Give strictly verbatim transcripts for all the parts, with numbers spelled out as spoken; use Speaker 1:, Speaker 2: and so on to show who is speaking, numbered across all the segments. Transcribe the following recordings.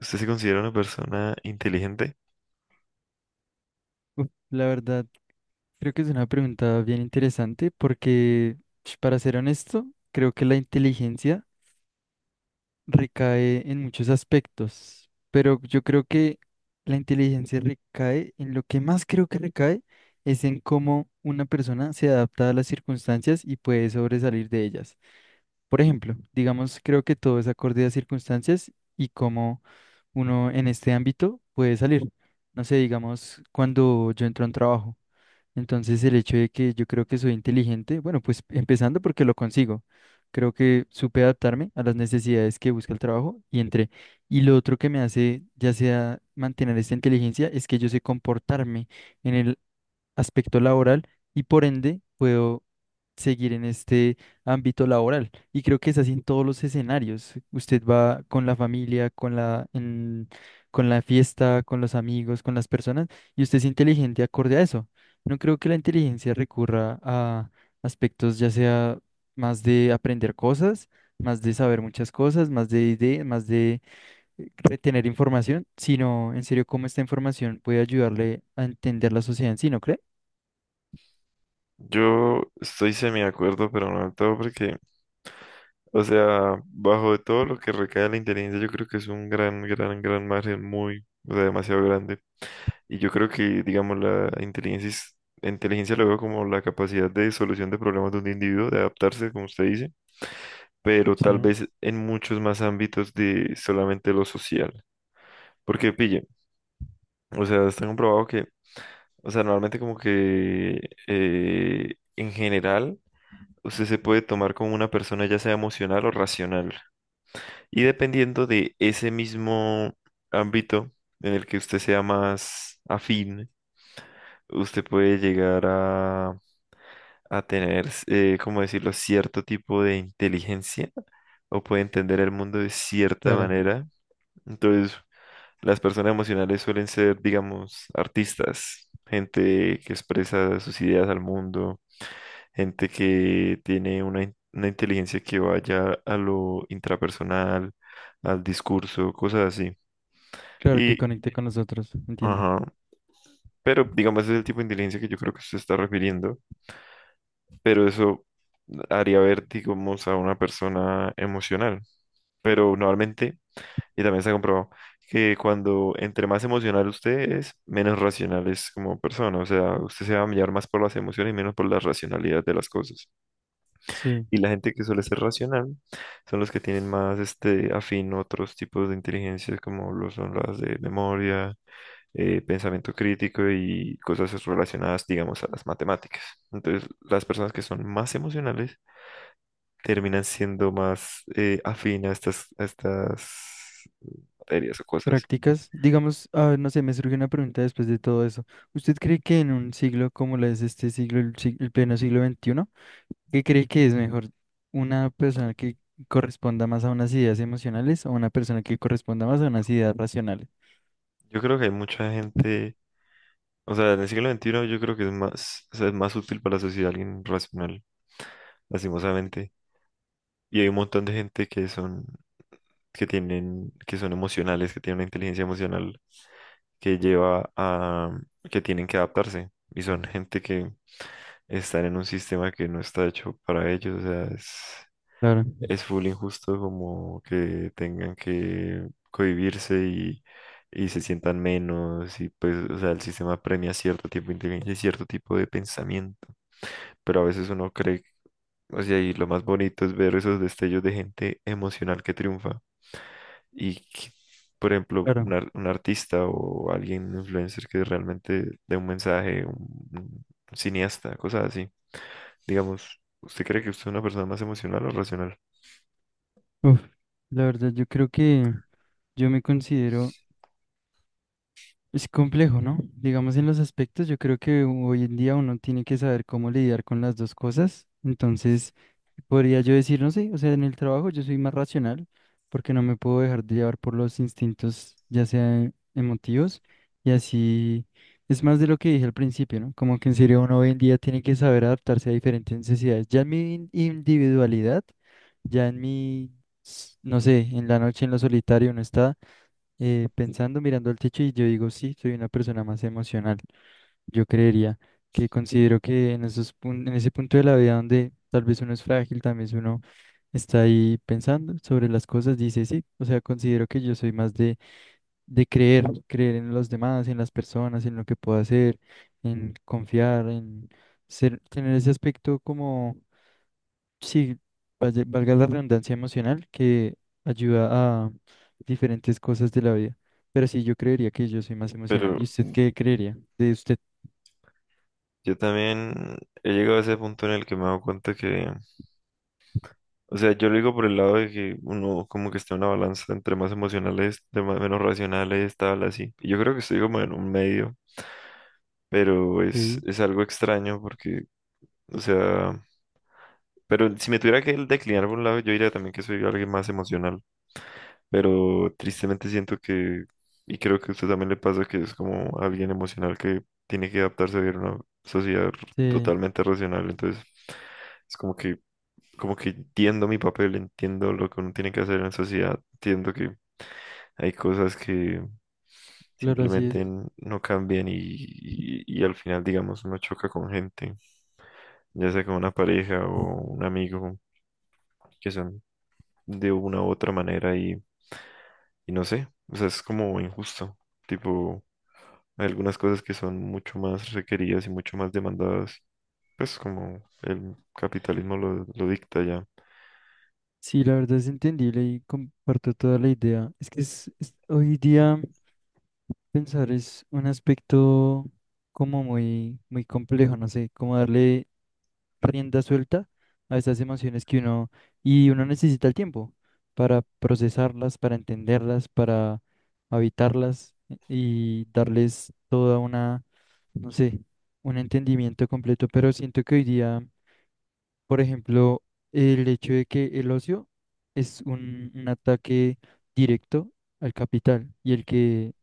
Speaker 1: ¿Usted se considera una persona inteligente?
Speaker 2: Uf, la verdad, creo que es una pregunta bien interesante porque, sh, para ser honesto, creo que la inteligencia recae en muchos aspectos, pero yo creo que la inteligencia recae en lo que más creo que recae es en cómo una persona se adapta a las circunstancias y puede sobresalir de ellas. Por ejemplo, digamos, creo que todo es acorde a circunstancias y cómo uno en este ámbito puede salir. No sé, digamos, cuando yo entro a un trabajo. Entonces el hecho de que yo creo que soy inteligente, bueno, pues empezando porque lo consigo, creo que supe adaptarme a las necesidades que busca el trabajo y entré. Y lo otro que me hace ya sea mantener esta inteligencia es que yo sé comportarme en el aspecto laboral y por ende puedo seguir en este ámbito laboral. Y creo que es así en todos los escenarios. Usted va con la familia, con la, en- con la fiesta, con los amigos, con las personas, y usted es inteligente acorde a eso. No creo que la inteligencia recurra a aspectos ya sea más de aprender cosas, más de saber muchas cosas, más de ideas, más de eh, retener información, sino en serio cómo esta información puede ayudarle a entender la sociedad en sí, ¿no cree?
Speaker 1: Yo estoy semi de acuerdo, pero no del todo, porque, o sea, bajo de todo lo que recae la inteligencia, yo creo que es un gran, gran, gran margen muy, o sea, demasiado grande. Y yo creo que, digamos, la inteligencia, es- inteligencia lo veo como la capacidad de solución de problemas de un individuo, de adaptarse, como usted dice, pero tal
Speaker 2: Sí,
Speaker 1: vez en muchos más ámbitos de solamente lo social. Porque, pille, o sea, está comprobado que, o sea, normalmente como que eh, en general, usted se puede tomar como una persona ya sea emocional o racional. Y dependiendo de ese mismo ámbito en el que usted sea más afín, usted puede llegar a, a tener, eh, ¿cómo decirlo?, cierto tipo de inteligencia o puede entender el mundo de cierta
Speaker 2: claro,
Speaker 1: manera. Entonces, las personas emocionales suelen ser, digamos, artistas, gente que expresa sus ideas al mundo, gente que tiene una, in- una inteligencia que vaya a lo intrapersonal, al discurso, cosas así.
Speaker 2: claro que
Speaker 1: Y,
Speaker 2: conecte con nosotros, entiendo.
Speaker 1: ajá, pero digamos, ese es el tipo de inteligencia que yo creo que se está refiriendo, pero eso haría ver, digamos, a una persona emocional. Pero normalmente, y también se ha comprobado, que cuando entre más emocional usted es, menos racional es como persona. O sea, usted se va a mirar más por las emociones y menos por la racionalidad de las cosas.
Speaker 2: Sí,
Speaker 1: Y la gente que suele ser racional son los que tienen más este, afín a otros tipos de inteligencias, como lo son las de memoria, eh, pensamiento crítico y cosas relacionadas, digamos, a las matemáticas. Entonces, las personas que son más emocionales terminan siendo más eh, afín a estas, a estas materias o cosas.
Speaker 2: prácticas, digamos, ah, no sé, me surge una pregunta después de todo eso. ¿Usted cree que en un siglo como lo es este siglo, el, sig- el pleno siglo veintiuno, qué cree que es mejor una persona que corresponda más a unas ideas emocionales o una persona que corresponda más a unas ideas racionales?
Speaker 1: Yo creo que hay mucha gente, o sea, en el siglo veintiuno yo creo que es más, o sea, es más útil para la sociedad alguien racional, lastimosamente. Y hay un montón de gente que son que tienen, que son emocionales, que tienen una inteligencia emocional que lleva a que tienen que adaptarse y son gente que están en un sistema que no está hecho para ellos, o sea, es,
Speaker 2: Claro,
Speaker 1: es full injusto como que tengan que cohibirse y, y se sientan menos y pues, o sea, el sistema premia cierto tipo de inteligencia y cierto tipo de pensamiento, pero a veces uno cree, o sea, y lo más bonito es ver esos destellos de gente emocional que triunfa y, que, por ejemplo,
Speaker 2: claro.
Speaker 1: un, ar- un artista o alguien, un influencer que realmente dé un mensaje, un, un cineasta, cosas así. Digamos, ¿usted cree que usted es una persona más emocional o racional?
Speaker 2: Uf, la verdad, yo creo que yo me considero, es complejo, ¿no? Digamos, en los aspectos, yo creo que hoy en día uno tiene que saber cómo lidiar con las dos cosas. Entonces... Podría yo decir, no sé, o sea, en el trabajo yo soy más racional porque no me puedo dejar de llevar por los instintos, ya sea emotivos, y así es más de lo que dije al principio, ¿no? Como que en serio uno hoy en día tiene que saber adaptarse a diferentes necesidades. Ya en mi in- individualidad, ya en mi, s- no sé, en la noche en lo solitario uno está eh, pensando, mirando al techo y yo digo, sí, soy una persona más emocional. Yo creería que considero que en esos pun- en ese punto de la vida donde tal vez uno es frágil, también vez uno está ahí pensando sobre las cosas, dice sí, o sea, considero que yo soy más de, de creer, creer en los demás, en las personas, en lo que puedo hacer, en confiar, en ser, tener ese aspecto como, sí, vaya- valga la redundancia emocional que ayuda a diferentes cosas de la vida. Pero sí, yo creería que yo soy más emocional.
Speaker 1: Pero
Speaker 2: ¿Y usted qué creería de usted?
Speaker 1: yo también he llegado a ese punto en el que me he dado cuenta que, o sea, yo lo digo por el lado de que uno como que está en una balanza entre más emocionales, de más, menos racionales, tal, así. Y yo creo que estoy como en un medio, pero es,
Speaker 2: Sí,
Speaker 1: es algo extraño porque, o sea... Pero si me tuviera que declinar por un lado, yo diría también que soy alguien más emocional. Pero tristemente siento que, y creo que a usted también le pasa, que es como alguien emocional que tiene que adaptarse a vivir en una sociedad r-
Speaker 2: sí.
Speaker 1: totalmente racional. Entonces, es como que, como que entiendo mi papel, entiendo lo que uno tiene que hacer en la sociedad, entiendo que hay cosas que
Speaker 2: Claro, así
Speaker 1: simplemente
Speaker 2: es.
Speaker 1: n- no cambian y, y, y al final, digamos, uno choca con gente, ya sea con una pareja o un amigo, que son de una u otra manera y, y no sé, o sea, es como injusto. Tipo, hay algunas cosas que son mucho más requeridas y mucho más demandadas, pues como el capitalismo lo, lo dicta ya.
Speaker 2: Sí, la verdad es entendible y comparto toda la idea. Es que es, es- hoy día pensar es un aspecto como muy, muy complejo, no sé, como darle rienda suelta a esas emociones que uno, y uno necesita el tiempo para procesarlas, para entenderlas, para habitarlas y darles toda una, no sé, un entendimiento completo. Pero siento que hoy día. Por ejemplo, el hecho de que el ocio es un, un ataque directo al capital y el que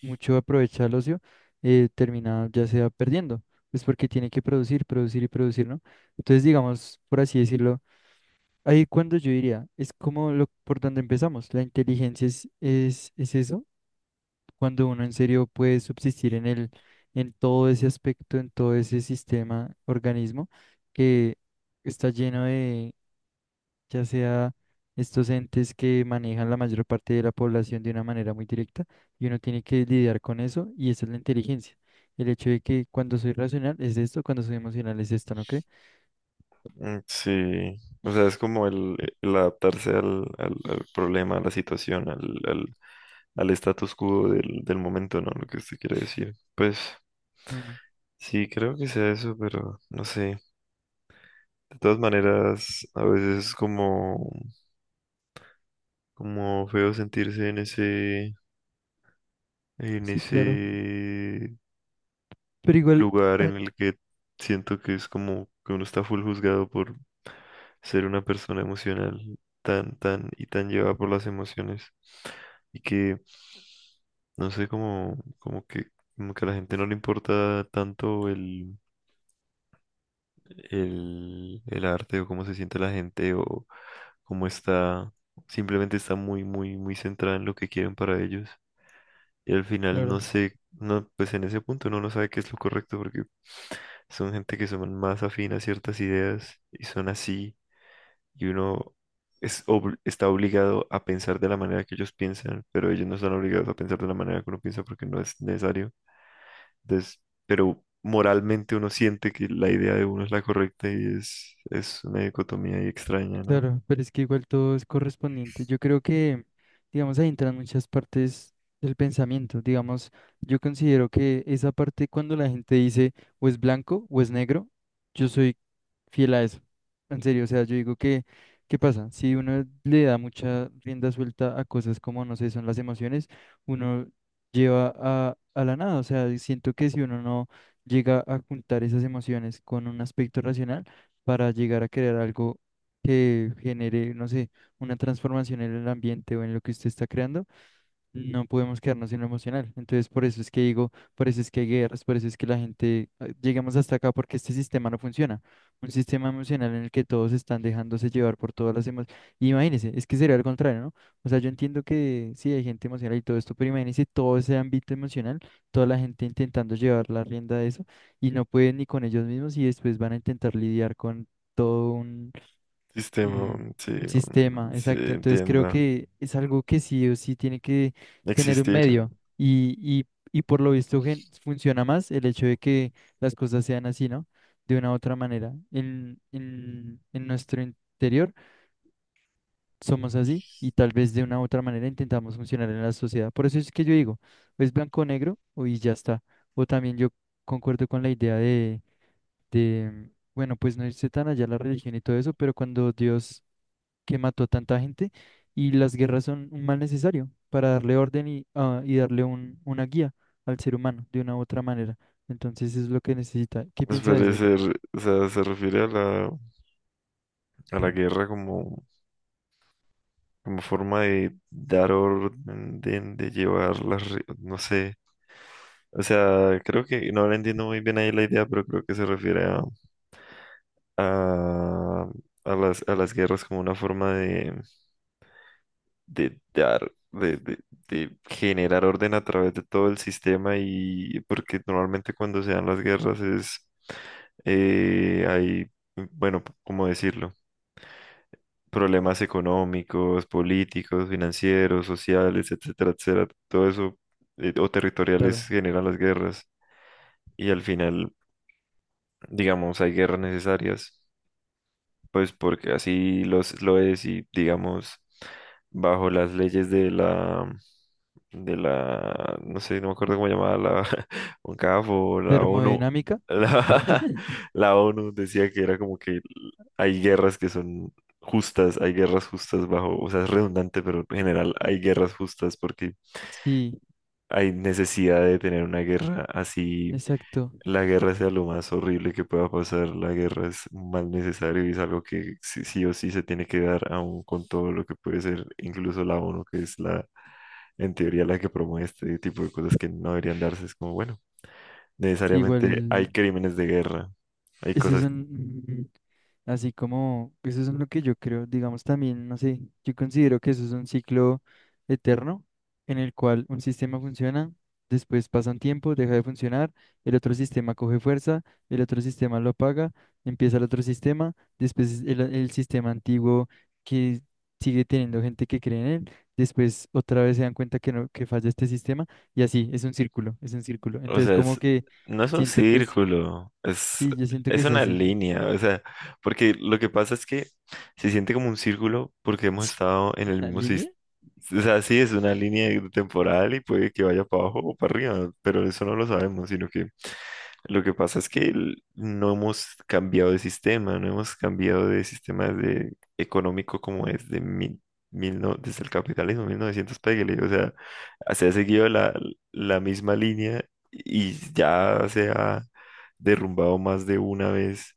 Speaker 2: mucho aprovecha el ocio eh, termina ya sea perdiendo, pues porque tiene que producir, producir y producir, ¿no? Entonces, digamos, por así decirlo, ahí cuando yo diría, es como lo, por donde empezamos, la inteligencia es, es, es eso, cuando uno en serio puede subsistir en el, en todo ese aspecto, en todo ese sistema, organismo, que está lleno de ya sea estos entes que manejan la mayor parte de la población de una manera muy directa, y uno tiene que lidiar con eso, y esa es la inteligencia. El hecho de que cuando soy racional es esto, cuando soy emocional es esto, ¿no cree?
Speaker 1: Mm, sí, o sea, es como el, el adaptarse al, al, al problema, a la situación, al, al, al status quo del, del momento, ¿no? Lo que usted quiere decir. Pues
Speaker 2: Mm,
Speaker 1: sí, creo que sea eso, pero no sé. De todas maneras, a veces es como, como feo sentirse en ese, en
Speaker 2: sí, claro.
Speaker 1: ese
Speaker 2: Pero igual,
Speaker 1: lugar
Speaker 2: ah,
Speaker 1: en el que siento que es como que uno está full juzgado por ser una persona emocional tan, tan y tan llevada por las emociones. Y que, no sé, como, como que, como que a la gente no le importa tanto el, el, el arte o cómo se siente la gente o cómo está, simplemente está muy, muy, muy centrada en lo que quieren para ellos. Y al final
Speaker 2: claro.
Speaker 1: no sé, no, pues en ese punto uno no sabe qué es lo correcto porque son gente que son más afín a ciertas ideas y son así y uno es obl- está obligado a pensar de la manera que ellos piensan, pero ellos no están obligados a pensar de la manera que uno piensa porque no es necesario. Entonces, pero moralmente uno siente que la idea de uno es la correcta y es, es una dicotomía ahí extraña, ¿no?
Speaker 2: Claro, pero es que igual todo es correspondiente. Yo creo que, digamos, ahí entran muchas partes del pensamiento. Digamos, yo considero que esa parte cuando la gente dice o es blanco o es negro, yo soy fiel a eso. En serio, o sea, yo digo que, ¿qué pasa? Si uno le da mucha rienda suelta a cosas como, no sé, son las emociones, uno lleva a, a la nada. O sea, siento que si uno no llega a juntar esas emociones con un aspecto racional, para llegar a crear algo que genere, no sé, una transformación en el ambiente o en lo que usted está creando, no podemos quedarnos en lo emocional. Entonces, por eso es que digo, por eso es que hay guerras, por eso es que la gente, eh, llegamos hasta acá porque este sistema no funciona. Un sistema emocional en el que todos están dejándose llevar por todas las emociones. Imagínense, es que sería al contrario, ¿no? O sea, yo entiendo que sí hay gente emocional y todo esto, pero imagínense todo ese ámbito emocional, toda la gente intentando llevar la rienda de eso y no pueden ni con ellos mismos y después van a intentar lidiar con todo.
Speaker 1: Sistema,
Speaker 2: Mm,
Speaker 1: mm, sí,
Speaker 2: un sistema,
Speaker 1: mm, sí,
Speaker 2: exacto. Entonces creo
Speaker 1: entienda.
Speaker 2: que es algo que sí o sí tiene que tener un
Speaker 1: Existir,
Speaker 2: medio y, y, y por lo visto gen- funciona más el hecho de que las cosas sean así, ¿no? De una u otra manera. En, en, en nuestro interior somos así y tal vez de una u otra manera intentamos funcionar en la sociedad. Por eso es que yo digo, o es blanco o negro o y ya está. O también yo concuerdo con la idea de, de, bueno, pues no irse tan allá la religión y todo eso, pero cuando Dios que mató a tanta gente y las guerras son un mal necesario para darle orden y, ah, y darle un, una guía al ser humano de una u otra manera. Entonces es lo que necesita. ¿Qué
Speaker 1: pues,
Speaker 2: piensa de esa idea?
Speaker 1: parece, r- o sea, se refiere a la, a la guerra como, como forma de dar orden, de, de llevar las, re- no sé, o sea, creo que no la entiendo muy bien ahí la idea, pero creo que se refiere a, a, a las, a las guerras como una forma de, de dar, de, de, de generar orden a través de todo el sistema y porque normalmente cuando se dan las guerras es, eh, hay, bueno, ¿cómo decirlo? Problemas económicos, políticos, financieros, sociales, etcétera, etcétera, todo eso, eh, o
Speaker 2: Claro.
Speaker 1: territoriales, generan las guerras, y al final, digamos, hay guerras necesarias pues porque así los, lo es y digamos, bajo las leyes de la, de la, no sé, no me acuerdo cómo llamaba la UNCAF o la ONU,
Speaker 2: Termodinámica.
Speaker 1: la, la ONU decía que era como que hay guerras que son justas, hay guerras justas bajo, o sea, es redundante, pero en general hay guerras justas porque
Speaker 2: Sí,
Speaker 1: hay necesidad de tener una guerra así
Speaker 2: exacto.
Speaker 1: la guerra sea lo más horrible que pueda pasar. La guerra es un mal necesario y es algo que sí, sí o sí se tiene que dar, aún con todo lo que puede ser, incluso la ONU, que es la, en teoría, la que promueve este tipo de cosas que no deberían darse. Es como, bueno,
Speaker 2: Sí,
Speaker 1: necesariamente hay
Speaker 2: igual.
Speaker 1: crímenes de guerra, hay
Speaker 2: Eso es
Speaker 1: cosas.
Speaker 2: un- Así como, eso es lo que yo creo, digamos también, no sé, yo considero que eso es un ciclo eterno en el cual un sistema funciona, después pasa un tiempo, deja de funcionar, el otro sistema coge fuerza, el otro sistema lo apaga, empieza el otro sistema, después el, el sistema antiguo que sigue teniendo gente que cree en él, después otra vez se dan cuenta que no, que falla este sistema y así, es un círculo, es un círculo.
Speaker 1: O
Speaker 2: Entonces
Speaker 1: sea,
Speaker 2: como
Speaker 1: es,
Speaker 2: que
Speaker 1: no es un
Speaker 2: siento que es,
Speaker 1: círculo, es,
Speaker 2: sí, yo siento que
Speaker 1: es
Speaker 2: es
Speaker 1: una
Speaker 2: así.
Speaker 1: línea, o sea, porque lo que pasa es que se siente como un círculo porque hemos estado en el
Speaker 2: ¿La
Speaker 1: mismo
Speaker 2: línea?
Speaker 1: sistema. O sea, sí, es una línea temporal y puede que vaya para abajo o para arriba, pero eso no lo sabemos, sino que lo que pasa es que el- no hemos cambiado de sistema, no hemos cambiado de sistema de económico como es de mil, mil no- desde el capitalismo, mil novecientos pégale. O sea, se ha seguido la, la misma línea y ya se ha derrumbado más de una vez.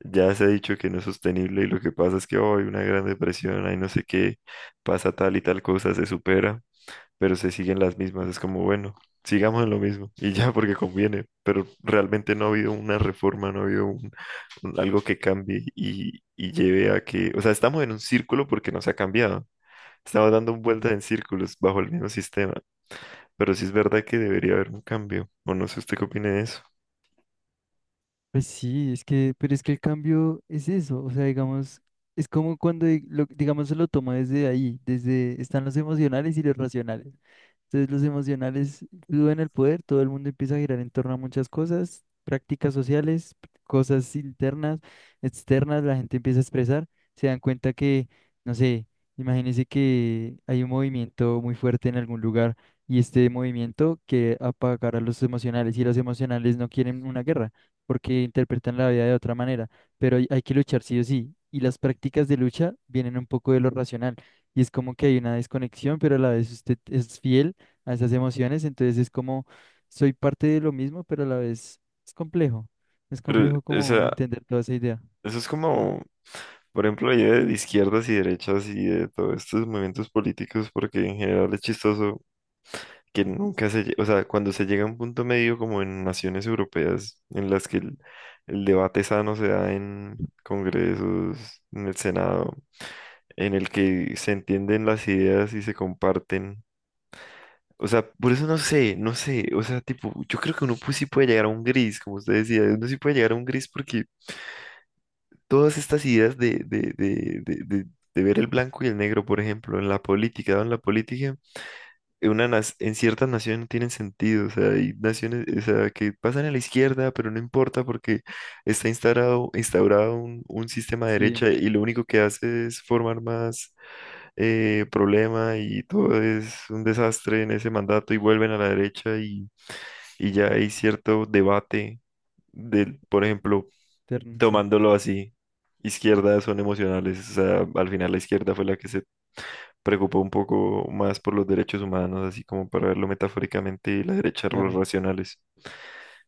Speaker 1: Ya se ha dicho que no es sostenible y lo que pasa es que hoy una gran depresión, hay no sé qué, pasa tal y tal cosa, se supera pero se siguen las mismas. Es como, bueno, sigamos en lo mismo y ya porque conviene, pero realmente no ha habido una reforma, no ha habido un- un- algo que cambie y, y lleve a que, o sea, estamos en un círculo porque no se ha cambiado. Estamos dando vueltas
Speaker 2: Sí.
Speaker 1: en círculos bajo el mismo sistema, pero sí es verdad que debería haber un cambio, o no sé usted qué opine de eso.
Speaker 2: Pues sí, es que, pero es que el cambio es eso, o sea, digamos, es como cuando, di- lo- digamos, se lo toma desde ahí, desde, están los emocionales y los racionales. Entonces los emocionales suben el poder, todo el mundo empieza a girar en torno a muchas cosas, prácticas sociales, cosas internas, externas, la gente empieza a expresar, se dan cuenta que, no sé, imagínense que hay un movimiento muy fuerte en algún lugar y este movimiento que apagar a los emocionales y los emocionales no quieren una guerra porque interpretan la vida de otra manera, pero hay, hay que luchar sí o sí. Y las prácticas de lucha vienen un poco de lo racional. Y es como que hay una desconexión, pero a la vez usted es fiel a esas emociones, entonces es como soy parte de lo mismo, pero a la vez es complejo, es
Speaker 1: Pero,
Speaker 2: complejo
Speaker 1: o
Speaker 2: como
Speaker 1: sea,
Speaker 2: entender toda esa idea,
Speaker 1: eso es
Speaker 2: ¿no?
Speaker 1: como, por ejemplo, la idea de izquierdas y derechas y de todos estos movimientos políticos, porque en general es chistoso que nunca se, lle- o sea, cuando se llega a un punto medio como en naciones europeas en las que el, el debate sano se da en congresos, en el Senado, en el que se entienden las ideas y se comparten. O sea, por eso no sé, no sé, o sea, tipo, yo creo que uno pues sí puede llegar a un gris, como usted decía, uno sí puede llegar a un gris porque todas estas ideas de, de, de, de, de de ver el blanco y el negro, por ejemplo, en la política, ¿no? En la política, una nas- en ciertas naciones no tienen sentido, o sea, hay naciones, o sea, que pasan a la izquierda, pero no importa porque está instaurado, instaurado un, un, sistema de derecha
Speaker 2: Sí,
Speaker 1: y lo único que hace es formar más eh, problema y todo es un desastre en ese mandato y vuelven a la derecha y, y ya hay cierto debate del, por ejemplo,
Speaker 2: terno, sí,
Speaker 1: tomándolo así. Izquierdas son emocionales, o sea, al final la izquierda fue la que se preocupó un poco más por los derechos humanos, así como para verlo metafóricamente, y la derecha los
Speaker 2: claro.
Speaker 1: racionales.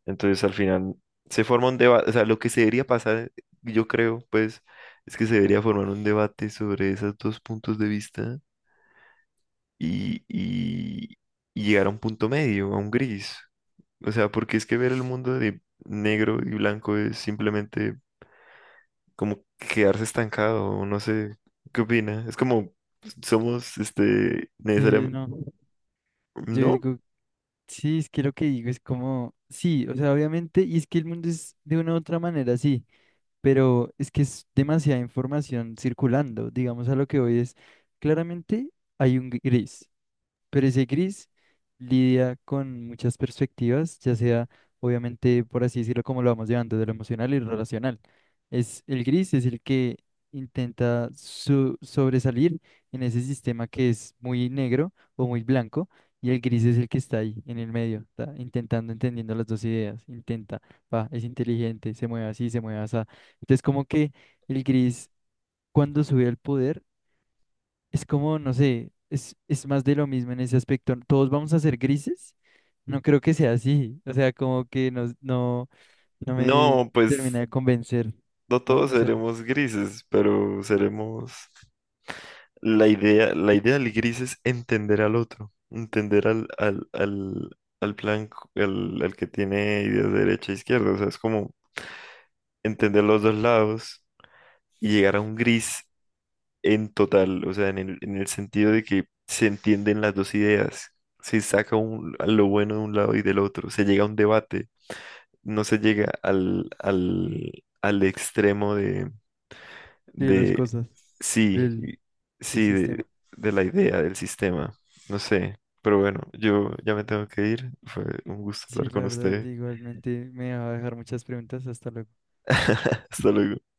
Speaker 1: Entonces, al final, se forma un debate, o sea, lo que se debería pasar, yo creo, pues, es que se debería formar un debate sobre esos dos puntos de vista y, y, y llegar a un punto medio, a un gris. O sea, porque es que ver el mundo de negro y blanco es simplemente como quedarse estancado, no sé, ¿qué opina? Es como somos, este,
Speaker 2: Que
Speaker 1: necesariamente,
Speaker 2: no, yo
Speaker 1: ¿no?
Speaker 2: digo, sí, es que lo que digo es como, sí, o sea, obviamente, y es que el mundo es de una u otra manera, sí, pero es que es demasiada información circulando, digamos a lo que hoy es, claramente hay un gris. Pero ese gris lidia con muchas perspectivas, ya sea, obviamente, por así decirlo, como lo vamos llevando, de lo emocional y lo racional. Es, el gris es el que intenta su- sobresalir en ese sistema que es muy negro o muy blanco, y el gris es el que está ahí, en el medio, ta, intentando, entendiendo las dos ideas. Intenta, va, es inteligente, se mueve así, se mueve así. Entonces, como que el gris, cuando sube al poder, es como, no sé, es, es más de lo mismo en ese aspecto. Todos vamos a ser grises. No creo que sea así. O sea, como que no, no, no me
Speaker 1: No,
Speaker 2: termina
Speaker 1: pues
Speaker 2: de convencer,
Speaker 1: no
Speaker 2: ¿no?
Speaker 1: todos
Speaker 2: O sea,
Speaker 1: seremos grises, pero seremos la idea, la idea del gris es entender al otro, entender al, al, al, al blanco, al, al que tiene ideas de derecha e izquierda. O sea, es como entender los dos lados y llegar a un gris en total, o sea, en el, en el sentido de que se entienden las dos ideas, se saca un- lo bueno de un lado y del otro, se llega a un debate, no se llega al, al, al extremo
Speaker 2: de las
Speaker 1: de,
Speaker 2: cosas,
Speaker 1: sí,
Speaker 2: del,
Speaker 1: y-
Speaker 2: del
Speaker 1: sí,
Speaker 2: sistema.
Speaker 1: de, de la idea del sistema. No sé, pero bueno, yo ya me tengo que ir. Fue un gusto
Speaker 2: Sí,
Speaker 1: hablar
Speaker 2: la
Speaker 1: con
Speaker 2: verdad,
Speaker 1: usted.
Speaker 2: igualmente me va a dejar muchas preguntas. Hasta luego.
Speaker 1: Hasta luego.